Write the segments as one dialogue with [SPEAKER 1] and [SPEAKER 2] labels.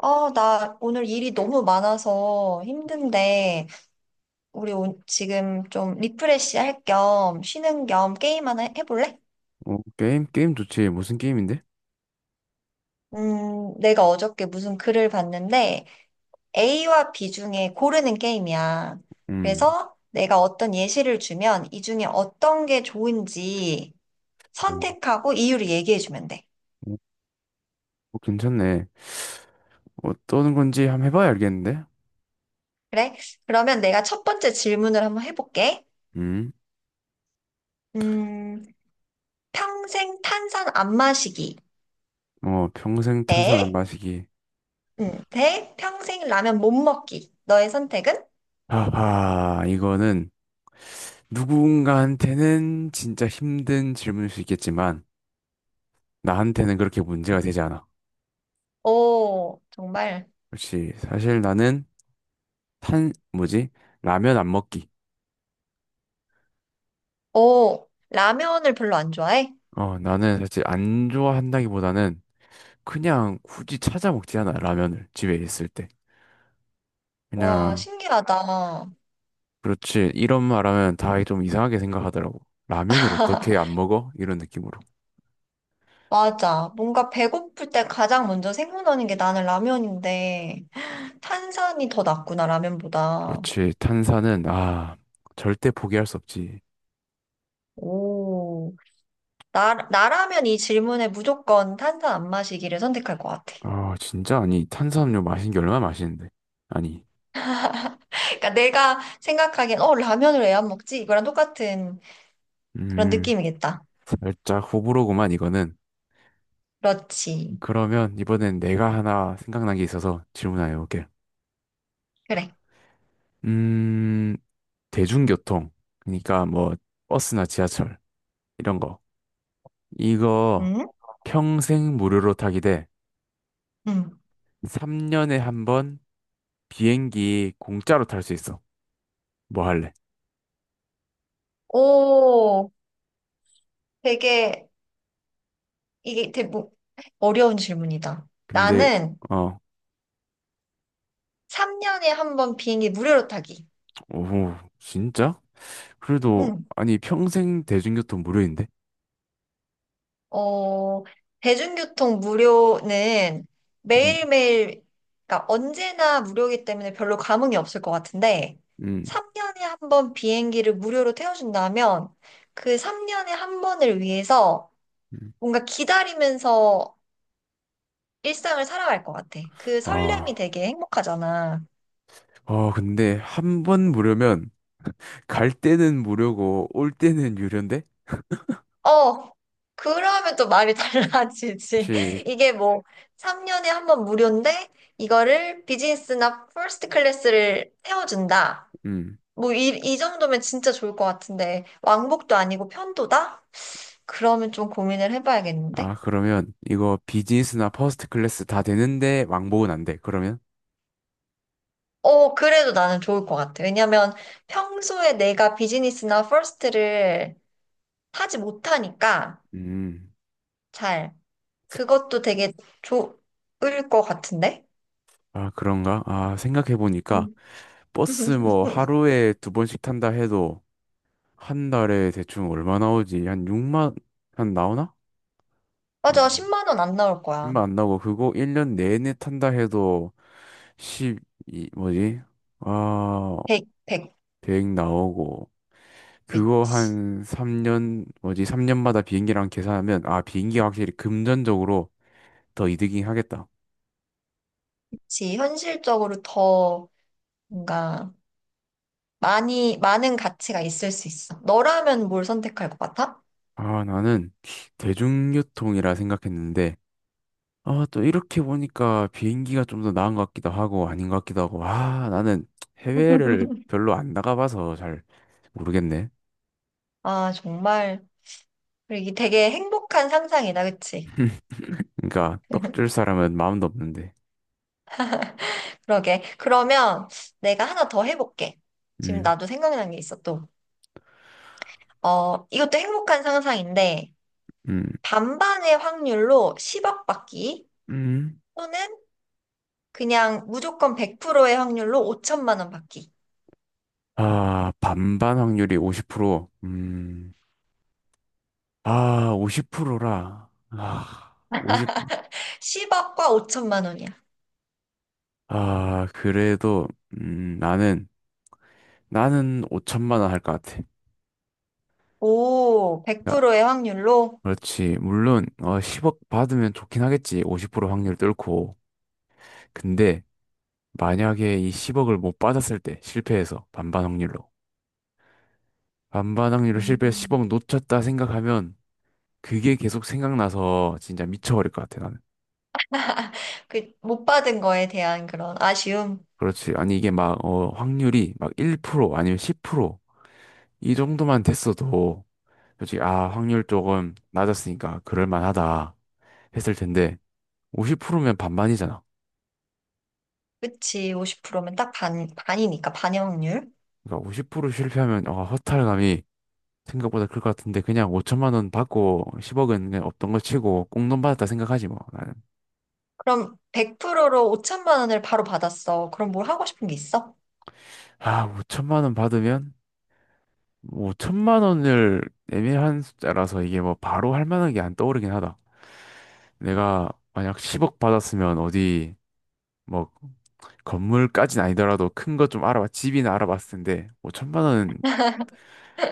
[SPEAKER 1] 아, 나 오늘 일이 너무 많아서 힘든데, 우리 지금 좀 리프레시 할 겸 쉬는 겸 게임 하나 해볼래?
[SPEAKER 2] 게임, 게임 좋지. 무슨 게임인데?
[SPEAKER 1] 내가 어저께 무슨 글을 봤는데, A와 B 중에 고르는 게임이야.
[SPEAKER 2] 음,
[SPEAKER 1] 그래서 내가 어떤 예시를 주면 이 중에 어떤 게 좋은지
[SPEAKER 2] 음,
[SPEAKER 1] 선택하고 이유를 얘기해주면 돼.
[SPEAKER 2] 음, 괜찮네. 어떤 건지 한번 해봐야 알겠는데?
[SPEAKER 1] 그래? 그러면 내가 첫 번째 질문을 한번 해볼게.
[SPEAKER 2] 음,
[SPEAKER 1] 음, 평생 탄산 안 마시기.
[SPEAKER 2] 평생 탄산 안
[SPEAKER 1] 네?
[SPEAKER 2] 마시기.
[SPEAKER 1] 대 평생 라면 못 먹기. 너의 선택은?
[SPEAKER 2] 하하, 이거는 누군가한테는 진짜 힘든 질문일 수 있겠지만, 나한테는 그렇게 문제가 되지 않아.
[SPEAKER 1] 오, 정말.
[SPEAKER 2] 그렇지. 사실 나는 뭐지? 라면 안 먹기.
[SPEAKER 1] 오, 라면을 별로 안 좋아해?
[SPEAKER 2] 나는 사실 안 좋아한다기보다는 그냥 굳이 찾아 먹지 않아, 라면을. 집에 있을 때.
[SPEAKER 1] 와,
[SPEAKER 2] 그냥,
[SPEAKER 1] 신기하다.
[SPEAKER 2] 그렇지. 이런 말하면 다 좀 이상하게 생각하더라고. 라면을 어떻게 안 먹어? 이런 느낌으로.
[SPEAKER 1] 맞아. 뭔가 배고플 때 가장 먼저 생각나는 게 나는 라면인데, 탄산이 더 낫구나, 라면보다.
[SPEAKER 2] 그렇지. 탄산은, 절대 포기할 수 없지.
[SPEAKER 1] 오, 나라면 이 질문에 무조건 탄산 안 마시기를 선택할 것 같아.
[SPEAKER 2] 아, 진짜? 아니, 탄산음료 마신 게 얼마나 맛있는데. 아니,
[SPEAKER 1] 그러니까 내가 생각하기엔, 어, 라면을 왜 안 먹지? 이거랑 똑같은 그런
[SPEAKER 2] 음,
[SPEAKER 1] 느낌이겠다.
[SPEAKER 2] 살짝 호불호구만, 이거는.
[SPEAKER 1] 그렇지.
[SPEAKER 2] 그러면 이번엔 내가 하나 생각난 게 있어서 질문해 볼게.
[SPEAKER 1] 그래.
[SPEAKER 2] 음, 대중교통. 그러니까 뭐, 버스나 지하철. 이런 거. 이거
[SPEAKER 1] 음.
[SPEAKER 2] 평생 무료로 타기 대
[SPEAKER 1] 응.
[SPEAKER 2] 3년에 한 번, 비행기 공짜로 탈 수 있어. 뭐 할래?
[SPEAKER 1] 오, 되게, 이게 되게 어려운 질문이다.
[SPEAKER 2] 근데,
[SPEAKER 1] 나는
[SPEAKER 2] 어,
[SPEAKER 1] 3년에 한 번 비행기 무료로 타기.
[SPEAKER 2] 오, 진짜? 그래도
[SPEAKER 1] 응.
[SPEAKER 2] 아니 평생 대중교통 무료인데?
[SPEAKER 1] 어, 대중교통 무료는
[SPEAKER 2] 음,
[SPEAKER 1] 매일매일, 그러니까 언제나 무료이기 때문에 별로 감흥이 없을 것 같은데,
[SPEAKER 2] 음,
[SPEAKER 1] 3년에 한 번 비행기를 무료로 태워준다면, 그 3년에 한 번을 위해서
[SPEAKER 2] 음.
[SPEAKER 1] 뭔가 기다리면서 일상을 살아갈 것 같아. 그 설렘이
[SPEAKER 2] 아,
[SPEAKER 1] 되게 행복하잖아.
[SPEAKER 2] 근데 한 번 무료면 갈 때는 무료고 올 때는 유료인데?
[SPEAKER 1] 어, 그러면 또 말이 달라지지.
[SPEAKER 2] 혹시,
[SPEAKER 1] 이게 뭐, 3년에 한 번 무료인데, 이거를 비즈니스나 퍼스트 클래스를 태워준다.
[SPEAKER 2] 음,
[SPEAKER 1] 뭐, 이 정도면 진짜 좋을 것 같은데, 왕복도 아니고 편도다? 그러면 좀 고민을 해봐야겠는데?
[SPEAKER 2] 그러면 이거 비즈니스나 퍼스트 클래스 다 되는데 왕복은 안 돼. 그러면?
[SPEAKER 1] 어, 그래도 나는 좋을 것 같아. 왜냐면 평소에 내가 비즈니스나 퍼스트를 타지 못하니까,
[SPEAKER 2] 음,
[SPEAKER 1] 잘. 그것도 되게 좋을 것 같은데?
[SPEAKER 2] 아 그런가? 아 생각해 보니까
[SPEAKER 1] 음.
[SPEAKER 2] 버스 뭐 하루에 두 번씩 탄다 해도 한 달에 대충 얼마 나오지? 한 6만 한 나오나?
[SPEAKER 1] 맞아, 10만 원 안 나올 거야.
[SPEAKER 2] 6만 안 나오고 그거 1년 내내 탄다 해도 1이 뭐지? 아,
[SPEAKER 1] 100,
[SPEAKER 2] 100 나오고 그거
[SPEAKER 1] 그치.
[SPEAKER 2] 한 3년 뭐지? 3년마다 비행기랑 계산하면 아, 비행기가 확실히 금전적으로 더 이득이 하겠다.
[SPEAKER 1] 그치. 현실적으로 더 뭔가 많은 가치가 있을 수 있어. 너라면 뭘 선택할 것 같아?
[SPEAKER 2] 아, 나는 대중교통이라 생각했는데 아, 또 이렇게 보니까 비행기가 좀 더 나은 것 같기도 하고 아닌 것 같기도 하고. 아, 나는 해외를 별로 안 나가봐서 잘 모르겠네.
[SPEAKER 1] 아, 정말. 그리고 이게 되게 행복한 상상이다, 그치?
[SPEAKER 2] 그러니까 떡줄 사람은 마음도 없는데.
[SPEAKER 1] 그러게. 그러면 내가 하나 더 해볼게. 지금
[SPEAKER 2] 음,
[SPEAKER 1] 나도 생각난 게 있어, 또. 어, 이것도 행복한 상상인데,
[SPEAKER 2] 음,
[SPEAKER 1] 반반의 확률로 10억 받기,
[SPEAKER 2] 음.
[SPEAKER 1] 또는 그냥 무조건 100%의 확률로 5천만 원 받기.
[SPEAKER 2] 아, 반반 확률이 50%. 아, 50%라. 아, 50.
[SPEAKER 1] 10억과 5천만 원이야.
[SPEAKER 2] 아, 그래도 음, 나는 나는 5천만 원 할 것 같아.
[SPEAKER 1] 오,
[SPEAKER 2] 그러니까
[SPEAKER 1] 100%의 확률로
[SPEAKER 2] 그렇지. 물론 10억 받으면 좋긴 하겠지. 50% 확률 뚫고. 근데 만약에 이 10억을 못 받았을 때 실패해서 반반 확률로 실패해서
[SPEAKER 1] 음.
[SPEAKER 2] 10억 놓쳤다 생각하면 그게 계속 생각나서 진짜 미쳐버릴 것 같아 나는.
[SPEAKER 1] 그 못 받은 거에 대한 그런 아쉬움.
[SPEAKER 2] 그렇지. 아니 이게 막 확률이 막 1% 아니면 10%이 정도만 됐어도 솔직히 아 확률 조금 낮았으니까 그럴 만하다 했을 텐데 50%면 반반이잖아.
[SPEAKER 1] 그치, 50%면 딱 반이니까, 반의 확률.
[SPEAKER 2] 그러니까 50% 실패하면 허탈감이 생각보다 클 것 같은데 그냥 5천만 원 받고 10억은 그냥 없던 걸 치고 꽁돈 받았다 생각하지 뭐 나는.
[SPEAKER 1] 그럼 100%로 5천만 원을 바로 받았어. 그럼 뭘 하고 싶은 게 있어?
[SPEAKER 2] 아 5천만 원 받으면 5천만 원을 애매한 숫자라서 이게 뭐 바로 할 만한 게 안 떠오르긴 하다. 내가 만약 10억 받았으면 어디 뭐 건물까진 아니더라도 큰 거 좀 알아봐 집이나 알아봤을 텐데 5천만 원은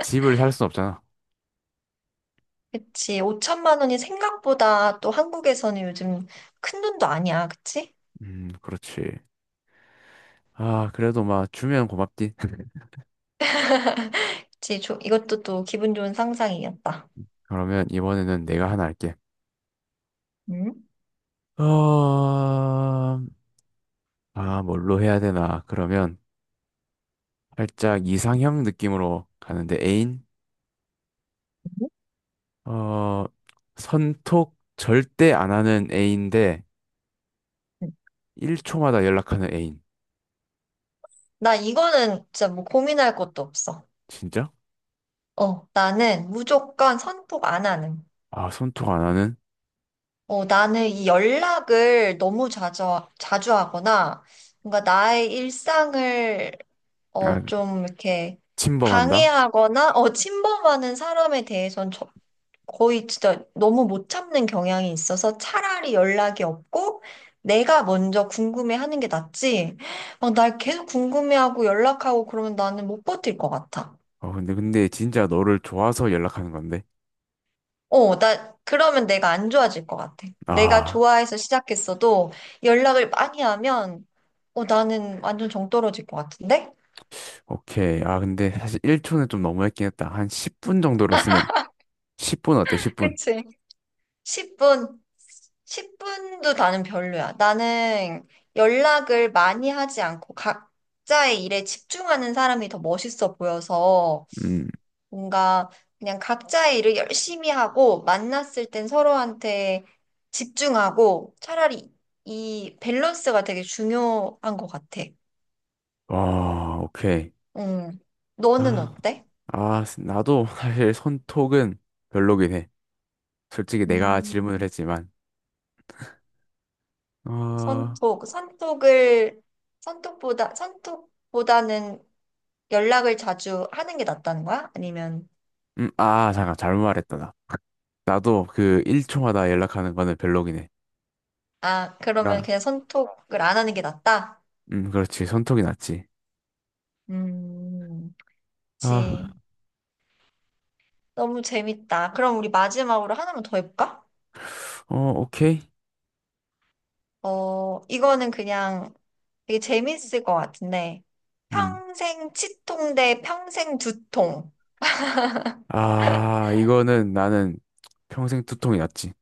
[SPEAKER 2] 집을 살 순 없잖아.
[SPEAKER 1] 그치, 5천만 원이 생각보다 또 한국에서는 요즘 큰 돈도 아니야. 그치?
[SPEAKER 2] 그렇지. 아 그래도 막 주면 고맙지.
[SPEAKER 1] 그치, 이것도 또 기분 좋은 상상이었다.
[SPEAKER 2] 그러면 이번에는 내가 하나 할게.
[SPEAKER 1] 응?
[SPEAKER 2] 어... 아, 뭘로 해야 되나? 그러면 살짝 이상형 느낌으로 가는데 애인? 어, 선톡 절대 안 하는 애인데
[SPEAKER 1] 응.
[SPEAKER 2] 1초마다 연락하는 애인.
[SPEAKER 1] 나 이거는 진짜 뭐 고민할 것도 없어.
[SPEAKER 2] 진짜?
[SPEAKER 1] 어, 나는 무조건 선톡 안 하는.
[SPEAKER 2] 아, 선톡 안 하는?
[SPEAKER 1] 어, 나는 이 연락을 너무 자주 하거나, 뭔가 나의 일상을,
[SPEAKER 2] 아,
[SPEAKER 1] 좀 이렇게
[SPEAKER 2] 침범한다?
[SPEAKER 1] 방해하거나, 침범하는 사람에 대해서는 거의 진짜 너무 못 참는 경향이 있어서 차라리 연락이 없고, 내가 먼저 궁금해하는 게 낫지. 막 날 계속 궁금해하고 연락하고 그러면 나는 못 버틸 것 같아.
[SPEAKER 2] 근데 진짜 너를 좋아서 연락하는 건데.
[SPEAKER 1] 나, 그러면 내가 안 좋아질 것 같아. 내가
[SPEAKER 2] 아,
[SPEAKER 1] 좋아해서 시작했어도 연락을 많이 하면, 나는 완전 정 떨어질 것 같은데?
[SPEAKER 2] 오케이. 아, 근데 사실 1초는 좀 너무했긴 했다. 한 10분 정도로 했으면 10분 어때? 10분.
[SPEAKER 1] 그치? 10분, 10분도 나는 별로야. 나는 연락을 많이 하지 않고 각자의 일에 집중하는 사람이 더 멋있어 보여서
[SPEAKER 2] 음.
[SPEAKER 1] 뭔가 그냥 각자의 일을 열심히 하고 만났을 땐 서로한테 집중하고 차라리 이 밸런스가 되게 중요한 것 같아.
[SPEAKER 2] 아, 오케이.
[SPEAKER 1] 음. 너는
[SPEAKER 2] 아,
[SPEAKER 1] 어때?
[SPEAKER 2] 아, 나도 사실 손톡은 별로긴 해. 솔직히 내가 질문을
[SPEAKER 1] 음,
[SPEAKER 2] 했지만, 어,
[SPEAKER 1] 선톡, 선톡을, 선톡보다는 연락을 자주 하는 게 낫다는 거야? 아니면,
[SPEAKER 2] 아, 잠깐, 잘못 말했다, 나. 나도 그 1초마다 연락하는 거는 별로긴 해.
[SPEAKER 1] 아, 그러면
[SPEAKER 2] 그러니까,
[SPEAKER 1] 그냥 선톡을 안 하는 게 낫다?
[SPEAKER 2] 그렇지, 손톱이 낫지.
[SPEAKER 1] 음,
[SPEAKER 2] 아,
[SPEAKER 1] 그치. 너무 재밌다. 그럼 우리 마지막으로 하나만 더 해볼까?
[SPEAKER 2] 어, 오케이.
[SPEAKER 1] 어, 이거는 그냥 되게 재밌을 것 같은데.
[SPEAKER 2] 음,
[SPEAKER 1] 평생 치통 대 평생 두통.
[SPEAKER 2] 아, 이거는 나는 평생 두통이 낫지.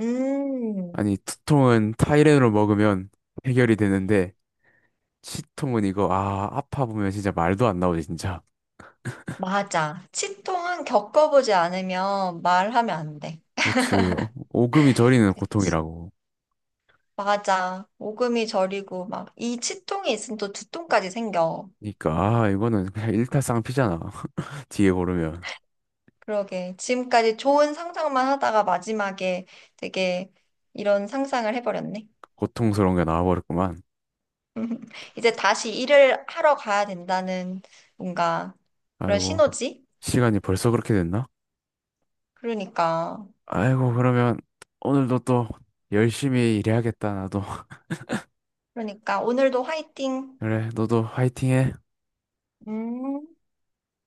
[SPEAKER 1] 음.
[SPEAKER 2] 아니, 두통은 타이레놀 먹으면 해결이 되는데, 치통은 이거, 아, 아파 보면 진짜 말도 안 나오지, 진짜.
[SPEAKER 1] 맞아. 치통은 겪어보지 않으면 말하면 안 돼.
[SPEAKER 2] 그렇지, 오금이 저리는
[SPEAKER 1] 그치.
[SPEAKER 2] 고통이라고.
[SPEAKER 1] 맞아. 오금이 저리고 막 이 치통이 있으면 또 두통까지 생겨.
[SPEAKER 2] 그러니까, 아, 이거는 그냥 일타쌍피잖아. 뒤에 고르면.
[SPEAKER 1] 그러게. 지금까지 좋은 상상만 하다가 마지막에 되게 이런 상상을 해버렸네.
[SPEAKER 2] 고통스러운 게 나와버렸구만.
[SPEAKER 1] 이제 다시 일을 하러 가야 된다는 뭔가 그런
[SPEAKER 2] 아이고,
[SPEAKER 1] 신호지?
[SPEAKER 2] 시간이 벌써 그렇게 됐나?
[SPEAKER 1] 그러니까.
[SPEAKER 2] 아이고, 그러면 오늘도 또 열심히 일해야겠다, 나도.
[SPEAKER 1] 그러니까 오늘도 화이팅.
[SPEAKER 2] 그래, 너도 화이팅해.
[SPEAKER 1] 음.